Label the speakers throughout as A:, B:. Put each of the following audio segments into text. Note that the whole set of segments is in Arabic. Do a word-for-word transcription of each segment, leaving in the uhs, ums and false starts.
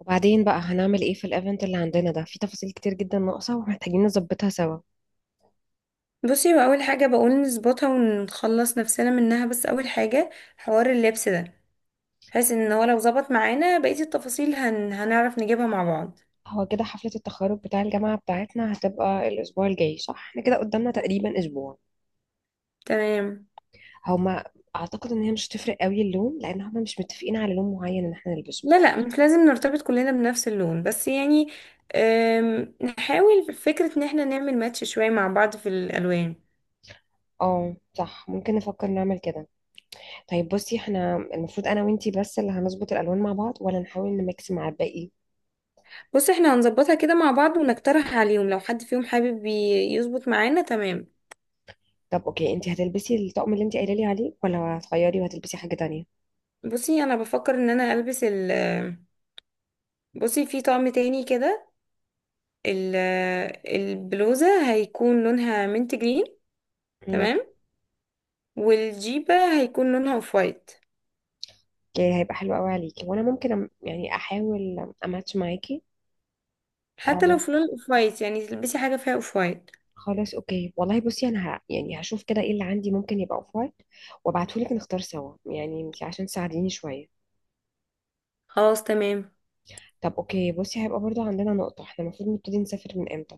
A: وبعدين بقى هنعمل ايه في الايفنت اللي عندنا ده؟ في تفاصيل كتير جدا ناقصة ومحتاجين نظبطها سوا.
B: بصي، هو اول حاجه بقول نظبطها ونخلص نفسنا منها. بس اول حاجه حوار اللبس ده، بحيث ان هو لو ظبط معانا بقيه التفاصيل هن... هنعرف نجيبها مع بعض.
A: هو كده حفلة التخرج بتاع الجامعة بتاعتنا هتبقى الأسبوع الجاي صح؟ احنا كده قدامنا تقريبا أسبوع.
B: تمام.
A: هما أعتقد إن هي مش هتفرق قوي اللون، لأن هما مش متفقين على لون معين إن احنا نلبسه.
B: لا لا، مش لازم نرتبط كلنا بنفس اللون، بس يعني أم... نحاول في فكره ان احنا نعمل ماتش شويه مع بعض في الالوان.
A: اه، صح، ممكن نفكر نعمل كده. طيب بصي، احنا المفروض أنا وإنتي بس اللي هنظبط الألوان مع بعض ولا نحاول نميكس مع الباقي؟
B: بص، احنا هنظبطها كده مع بعض ونقترح عليهم، لو حد فيهم حابب ي- يظبط معانا تمام.
A: طب اوكي، انتي هتلبسي الطقم اللي انتي قايله لي عليه ولا هتغيري وهتلبسي حاجة تانية؟
B: بصي، انا بفكر ان انا البس ال بصي، في طقم تاني كده. ال- البلوزة هيكون لونها منت جرين، تمام، والجيبة هيكون لونها اوف وايت.
A: اوكي، هيبقى حلو قوي عليكي، وانا ممكن أم- يعني احاول اماتش معاكي.
B: حتى لو
A: آه.
B: في لون اوف وايت، يعني تلبسي حاجة فيها اوف وايت.
A: خلاص اوكي، والله بصي انا ه... يعني هشوف كده ايه اللي عندي ممكن يبقى اوف وايت، وابعتهولك نختار سوا، يعني انتي عشان تساعديني شويه.
B: خلاص تمام.
A: طب اوكي بصي، هيبقى برضو عندنا نقطه، احنا المفروض نبتدي نسافر من امتى؟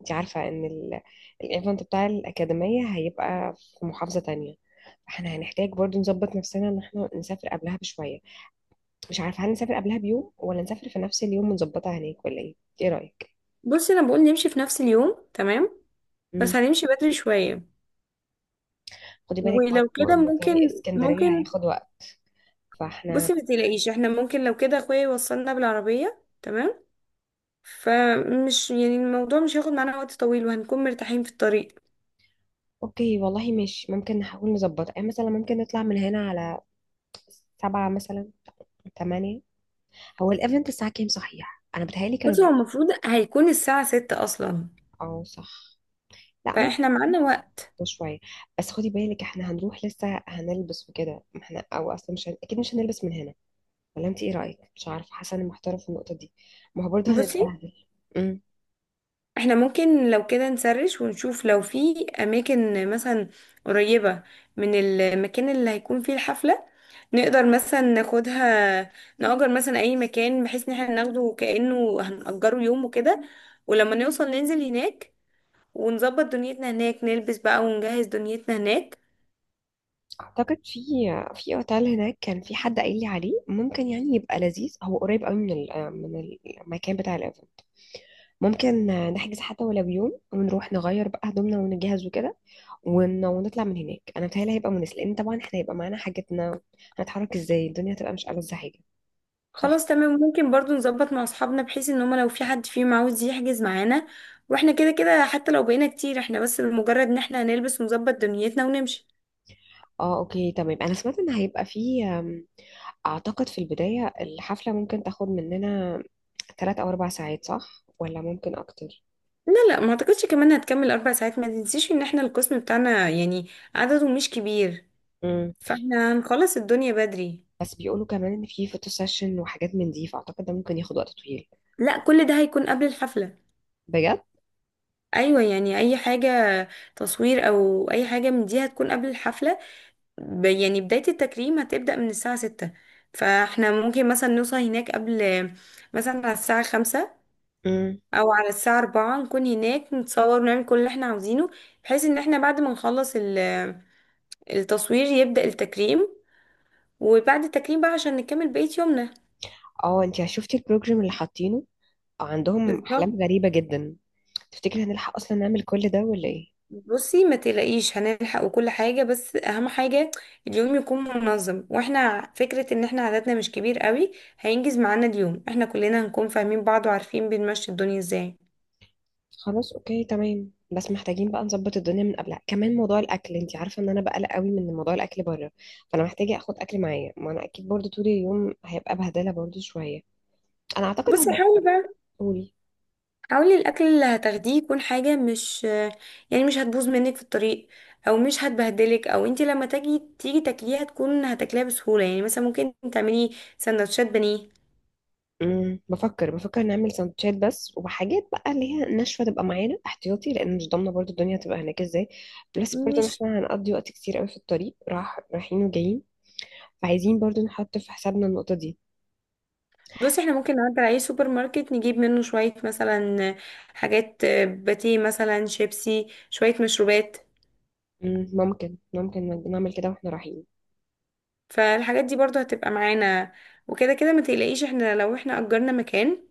A: انتي عارفه ان ال... الايفنت بتاع الاكاديميه هيبقى في محافظه تانية، فاحنا هنحتاج برضو نظبط نفسنا ان احنا نسافر قبلها بشويه. مش عارفه، هل نسافر قبلها بيوم ولا نسافر في نفس اليوم ونظبطها هناك ولا ايه؟ ايه رايك؟
B: بصي، انا بقول نمشي في نفس اليوم، تمام، بس هنمشي بدري شوية.
A: خدي بالك
B: ولو
A: برضه
B: كده
A: ان طريق
B: ممكن
A: اسكندرية
B: ممكن
A: هياخد وقت. فاحنا.
B: بصي، ما تقلقيش، احنا ممكن لو كده اخويا يوصلنا بالعربية، تمام، فمش يعني الموضوع مش هياخد معانا وقت طويل وهنكون مرتاحين في الطريق.
A: اوكي والله، مش ممكن نحاول نظبطها؟ يعني مثلا ممكن نطلع من هنا على سبعة مثلا، تمانية. هو الايفنت الساعة كام صحيح؟ انا بتهيألي كانوا
B: بصي، هو
A: بيقولوا.
B: المفروض هيكون الساعة ستة أصلا،
A: اه صح. لا
B: فاحنا
A: ممكن.
B: معانا وقت.
A: شوية. بس خدي بالك احنا هنروح لسه هنلبس وكده، ما احنا او اصلا مش هن... اكيد مش هنلبس من هنا. ولا انت ايه رأيك؟ مش عارفة، حاسة اني محتارة في النقطة دي، ما هو برضه
B: بصي،
A: هنتبهدل.
B: احنا ممكن لو كده نسرش ونشوف لو في اماكن مثلا قريبة من المكان اللي هيكون فيه الحفلة، نقدر مثلا ناخدها، نأجر مثلا اي مكان، بحيث ان احنا ناخده كأنه هنأجره يوم وكده، ولما نوصل ننزل هناك ونظبط دنيتنا هناك، نلبس بقى ونجهز دنيتنا هناك.
A: اعتقد في في اوتيل هناك كان في حد قايل لي عليه، ممكن يعني يبقى لذيذ، هو قريب قوي من ال- من المكان بتاع الايفنت. ممكن نحجز حتى ولو بيوم ونروح نغير بقى هدومنا ونجهز وكده، ون- ونطلع من هناك. انا بتهيألي هيبقى مناسب، لان طبعا احنا هيبقى معانا حاجتنا، هنتحرك ازاي؟ الدنيا هتبقى مش ألذ حاجه. صح.
B: خلاص تمام، ممكن برضو نظبط مع اصحابنا بحيث ان هما لو في حد فيهم عاوز يحجز معانا. واحنا كده كده حتى لو بقينا كتير، احنا بس بمجرد ان احنا هنلبس ونظبط دنيتنا ونمشي.
A: اه اوكي تمام، انا سمعت ان هيبقى في أم، اعتقد في البدايه الحفله ممكن تاخد مننا ثلاث او اربع ساعات صح، ولا ممكن اكتر؟
B: لا لا، ما اعتقدش كمان هتكمل اربع ساعات. ما تنسيش ان احنا القسم بتاعنا يعني عدده مش كبير، فاحنا هنخلص الدنيا بدري.
A: بس بيقولوا كمان ان في فوتو سيشن وحاجات من دي، فاعتقد ده ممكن ياخد وقت طويل.
B: لا، كل ده هيكون قبل الحفلة.
A: بجد.
B: ايوه، يعني اي حاجة تصوير او اي حاجة من دي هتكون قبل الحفلة. ب- يعني بداية التكريم هتبدأ من الساعة ستة، فاحنا ممكن مثلا نوصل هناك قبل، مثلا على الساعة خمسة
A: امم.
B: او على الساعة أربعة، نكون هناك نتصور ونعمل كل اللي احنا عاوزينه، بحيث ان احنا بعد ما نخلص ال- التصوير يبدأ التكريم، وبعد التكريم بقى عشان نكمل بقية يومنا.
A: اه. انت شفتي البروجرام اللي حاطينه؟ آه، عندهم احلام
B: بالظبط.
A: غريبه جدا. تفتكري هنلحق اصلا نعمل كل ده ولا ايه؟
B: بصي، ما تقلقيش هنلحق وكل حاجة، بس أهم حاجة اليوم يكون منظم. واحنا ع- فكرة ان احنا عددنا مش كبير قوي، هينجز معانا اليوم. احنا كلنا هنكون فاهمين بعض وعارفين بنمشي الدنيا ازاي.
A: خلاص اوكي تمام، بس محتاجين بقى نظبط الدنيا من قبلها. كمان موضوع الاكل، انت عارفه ان انا بقلق قوي من موضوع الاكل بره، فانا محتاجه اخد اكل معايا، ما انا اكيد برضو طول اليوم هيبقى بهدله برضو شويه. انا اعتقد هم.
B: بصي، حاولي بقى،
A: قولي.
B: حاولي الأكل اللي هتاخديه يكون حاجة مش، يعني مش هتبوظ منك في الطريق، أو مش هتبهدلك، أو انتي لما تجي تيجي تاكليها تكون هتاكليها بسهولة. يعني مثلا ممكن تعملي سندوتشات بانيه.
A: امم بفكر بفكر نعمل سندوتشات بس، وحاجات بقى اللي هي ناشفه تبقى معانا احتياطي، لان مش ضامنه برضو الدنيا هتبقى هناك ازاي. بلس برضو ان
B: مش
A: احنا هنقضي وقت كتير قوي في الطريق راح رايحين وجايين، فعايزين برضو نحط في حسابنا النقطه دي.
B: بص، احنا ممكن نعدي على اي سوبر ماركت نجيب منه شوية، مثلا حاجات، آه، باتيه مثلا، شيبسي، شوية مشروبات.
A: امم ممكن ممكن نعمل كده واحنا رايحين.
B: فالحاجات دي برضو هتبقى معانا، وكده كده ما تقلقيش احنا لو احنا اجرنا مكان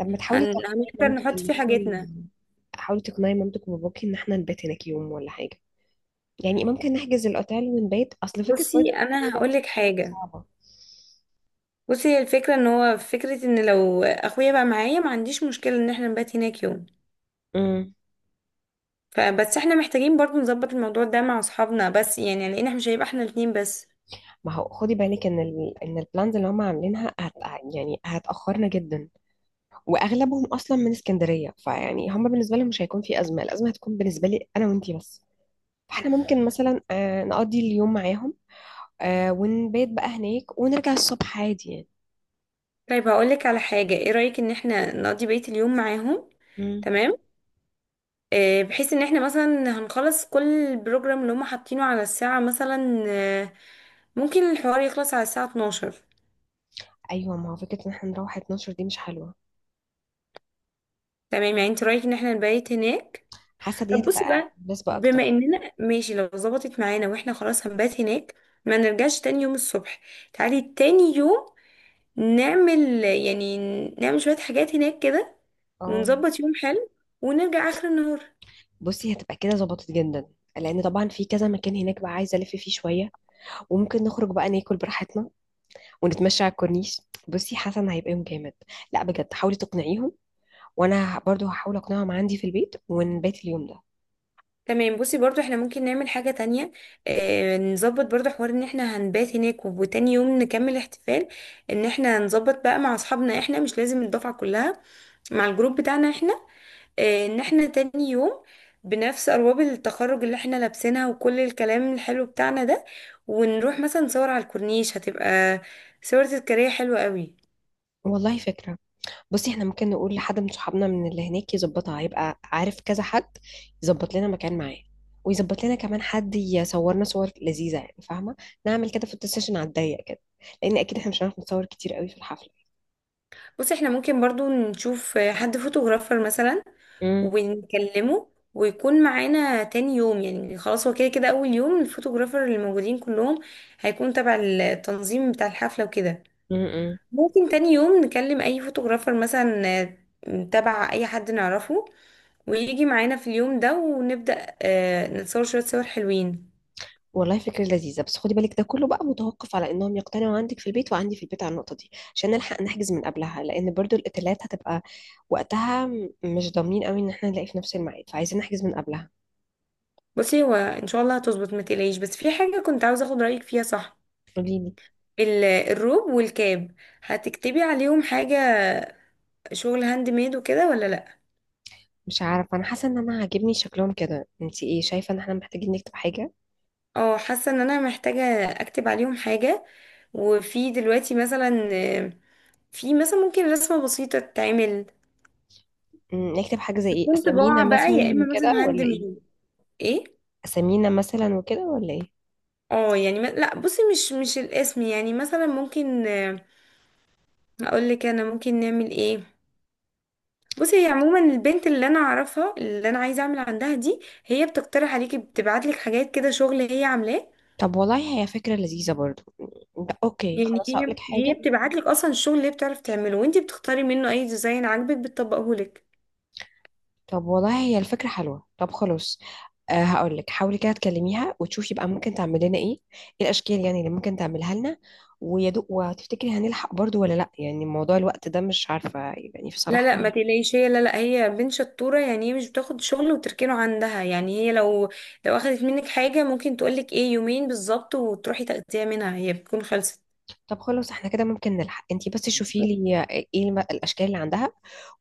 A: طب ما تحاولي
B: هن...
A: تقنعي
B: هنقدر
A: مامتك
B: نحط
A: ان
B: فيه
A: احنا
B: حاجتنا.
A: ن- حاولي تقنعي مامتك وباباكي ان احنا نبات هناك يوم ولا حاجه، يعني ممكن نحجز الاوتيل ونبات، اصل فكره
B: بصي،
A: برضو ان احنا
B: انا
A: نرجع في
B: هقولك
A: الفندق
B: حاجة.
A: صعبه.
B: بصي، هي الفكرة ان هو فكرة ان لو اخويا بقى معايا ما عنديش مشكلة ان احنا نبات هناك يوم،
A: امم.
B: فبس احنا محتاجين برضو نظبط الموضوع ده مع اصحابنا بس، يعني لان احنا مش هيبقى احنا الاتنين بس.
A: ما هو خدي بالك ان ال... ان البلانز اللي هم عاملينها هت... يعني هتأخرنا جدا، واغلبهم اصلا من اسكندريه، فيعني هم بالنسبه لهم مش هيكون في ازمه، الازمه هتكون بالنسبه لي انا وانتي بس. فاحنا ممكن مثلا آه، نقضي اليوم معاهم، آه، ونبيت بقى هناك ونرجع الصبح عادي يعني.
B: طيب هقولك على حاجة، ايه رأيك ان احنا نقضي بقية اليوم معاهم؟
A: مم.
B: تمام، آه، بحيث ان احنا مثلا هنخلص كل البروجرام اللي هم حاطينه على الساعة مثلا، آه، ممكن الحوار يخلص على الساعة اتناشر.
A: ايوه، ما هو فكره ان احنا نروح اتناشر دي مش حلوه.
B: تمام، يعني انت رأيك ان احنا نبيت هناك.
A: حاسه دي
B: طب بصي
A: هتبقى
B: بقى،
A: مناسبه اكتر.
B: بما اننا ماشي لو ظبطت معانا واحنا خلاص هنبات هناك، ما نرجعش تاني يوم الصبح، تعالي تاني يوم نعمل يعني، نعمل شوية حاجات هناك كده
A: اه.
B: ونظبط يوم حلو ونرجع آخر النهار.
A: بصي هتبقى كده ظبطت جدا، لان طبعا في كذا مكان هناك بقى عايزه الف فيه شويه، وممكن نخرج بقى ناكل براحتنا، ونتمشى على الكورنيش. بصي حسن هيبقى يوم جامد. لا بجد، حاولي تقنعيهم، وانا ه- برضو هحاول اقنعهم عندي في البيت ونبات اليوم ده.
B: تمام. بصي، برضو احنا ممكن نعمل حاجة تانية. اه، نظبط برضو حوار ان احنا هنبات هناك وتاني يوم نكمل احتفال، ان احنا نظبط بقى مع اصحابنا، احنا مش لازم الدفعة كلها، مع الجروب بتاعنا احنا. اه، ان احنا تاني يوم بنفس ارواب التخرج اللي احنا لابسينها وكل الكلام الحلو بتاعنا ده، ونروح مثلا نصور على الكورنيش، هتبقى صورة تذكارية حلوة قوي.
A: والله فكرة. بصي احنا ممكن نقول لحد من صحابنا من اللي هناك يظبطها، هيبقى عارف كذا حد يظبط لنا مكان معاه، ويظبط لنا كمان حد يصورنا صور لذيذة، يعني فاهمة؟ نعمل كده فوتو سيشن على الضيق كده، لان اكيد احنا مش هنعرف نتصور كتير قوي في الحفلة.
B: بصي، احنا ممكن برضو نشوف حد فوتوغرافر مثلا ونكلمه ويكون معانا تاني يوم. يعني خلاص هو كده كده اول يوم الفوتوغرافر اللي موجودين كلهم هيكون تبع التنظيم بتاع الحفلة وكده،
A: امم.
B: ممكن تاني يوم نكلم اي فوتوغرافر مثلا، آه، تبع اي حد نعرفه، ويجي معانا في اليوم ده ونبدأ، آه، نتصور شوية صور حلوين.
A: والله فكرة لذيذة، بس خدي بالك ده كله بقى متوقف على انهم يقتنعوا عندك في البيت وعندي في البيت على النقطة دي، عشان نلحق نحجز من قبلها، لان برضو الاوتيلات هتبقى وقتها، م- مش ضامنين قوي ان احنا نلاقي في نفس الميعاد، فعايزين نحجز من قبلها.
B: بصي، هو ان شاء الله هتظبط ما تقلقيش. بس في حاجة كنت عاوزة اخد رأيك فيها، صح؟
A: قولي لي.
B: ال- الروب والكاب هتكتبي عليهم حاجة، شغل هاند ميد وكده، ولا لا؟
A: مش عارفة، انا حاسة ان انا عاجبني شكلهم كده، انت ايه شايفة؟ ان احنا محتاجين نكتب حاجة؟
B: اه، حاسه ان انا محتاجه اكتب عليهم حاجه. وفي دلوقتي مثلا، آه، في مثلا ممكن رسمه بسيطه تتعمل،
A: م، نكتب حاجة زي ايه؟
B: بتكون
A: اسامينا
B: طباعه بقى، يا
A: مثلا
B: اما
A: وكده
B: مثلا هاند
A: ولا ايه؟
B: ميد. ايه.
A: اسامينا مثلا وكده ولا ايه؟
B: اه يعني ما... لا بصي، مش مش الاسم، يعني مثلا ممكن اقول لك انا ممكن نعمل ايه. بصي، هي عموما البنت اللي انا اعرفها اللي انا عايزه اعمل عندها دي، هي بتقترح عليكي، بتبعت لك حاجات كده شغل هي عاملاه.
A: طب والله هي فكرة لذيذة برضو م، ده اوكي،
B: يعني
A: خلاص
B: هي،
A: هقولك
B: هي
A: حاجة.
B: بتبعت لك اصلا الشغل اللي هي بتعرف تعمله، وانت بتختاري منه اي ديزاين عاجبك بتطبقه لك.
A: طب والله هي الفكرة حلوة، طب خلاص. أه، هقول لك حاولي كده تكلميها وتشوفي بقى ممكن تعمل لنا ايه، ايه الاشكال يعني اللي ممكن تعملها لنا. ويا دوب، وهتفتكري هنلحق برضو ولا لا؟ يعني موضوع الوقت ده مش عارفة يعني في
B: لا لا، ما
A: صالحنا.
B: تقلقيش هي، لا لا، هي بنت شطوره، يعني هي مش بتاخد شغل وتركنه عندها. يعني هي لو، لو اخدت منك حاجه ممكن تقول لك ايه يومين بالظبط، وتروحي تاخديها منها هي بتكون خلصت.
A: طب خلاص، احنا كده ممكن نلحق، انتي بس شوفي لي آه، ايه الم- الاشكال اللي عندها،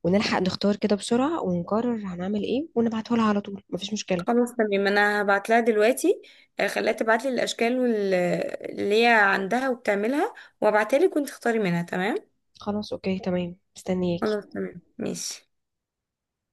A: ونلحق نختار كده بسرعة ونقرر هنعمل ايه ونبعته لها على طول، مفيش مشكلة.
B: خلاص تمام، انا هبعت لها دلوقتي، آه، خليها تبعت لي الاشكال وال- اللي هي عندها وبتعملها، وابعتها لك وانت تختاري منها، تمام.
A: خلاص اوكي تمام، مستنياكي.
B: خلاص تمام ماشي.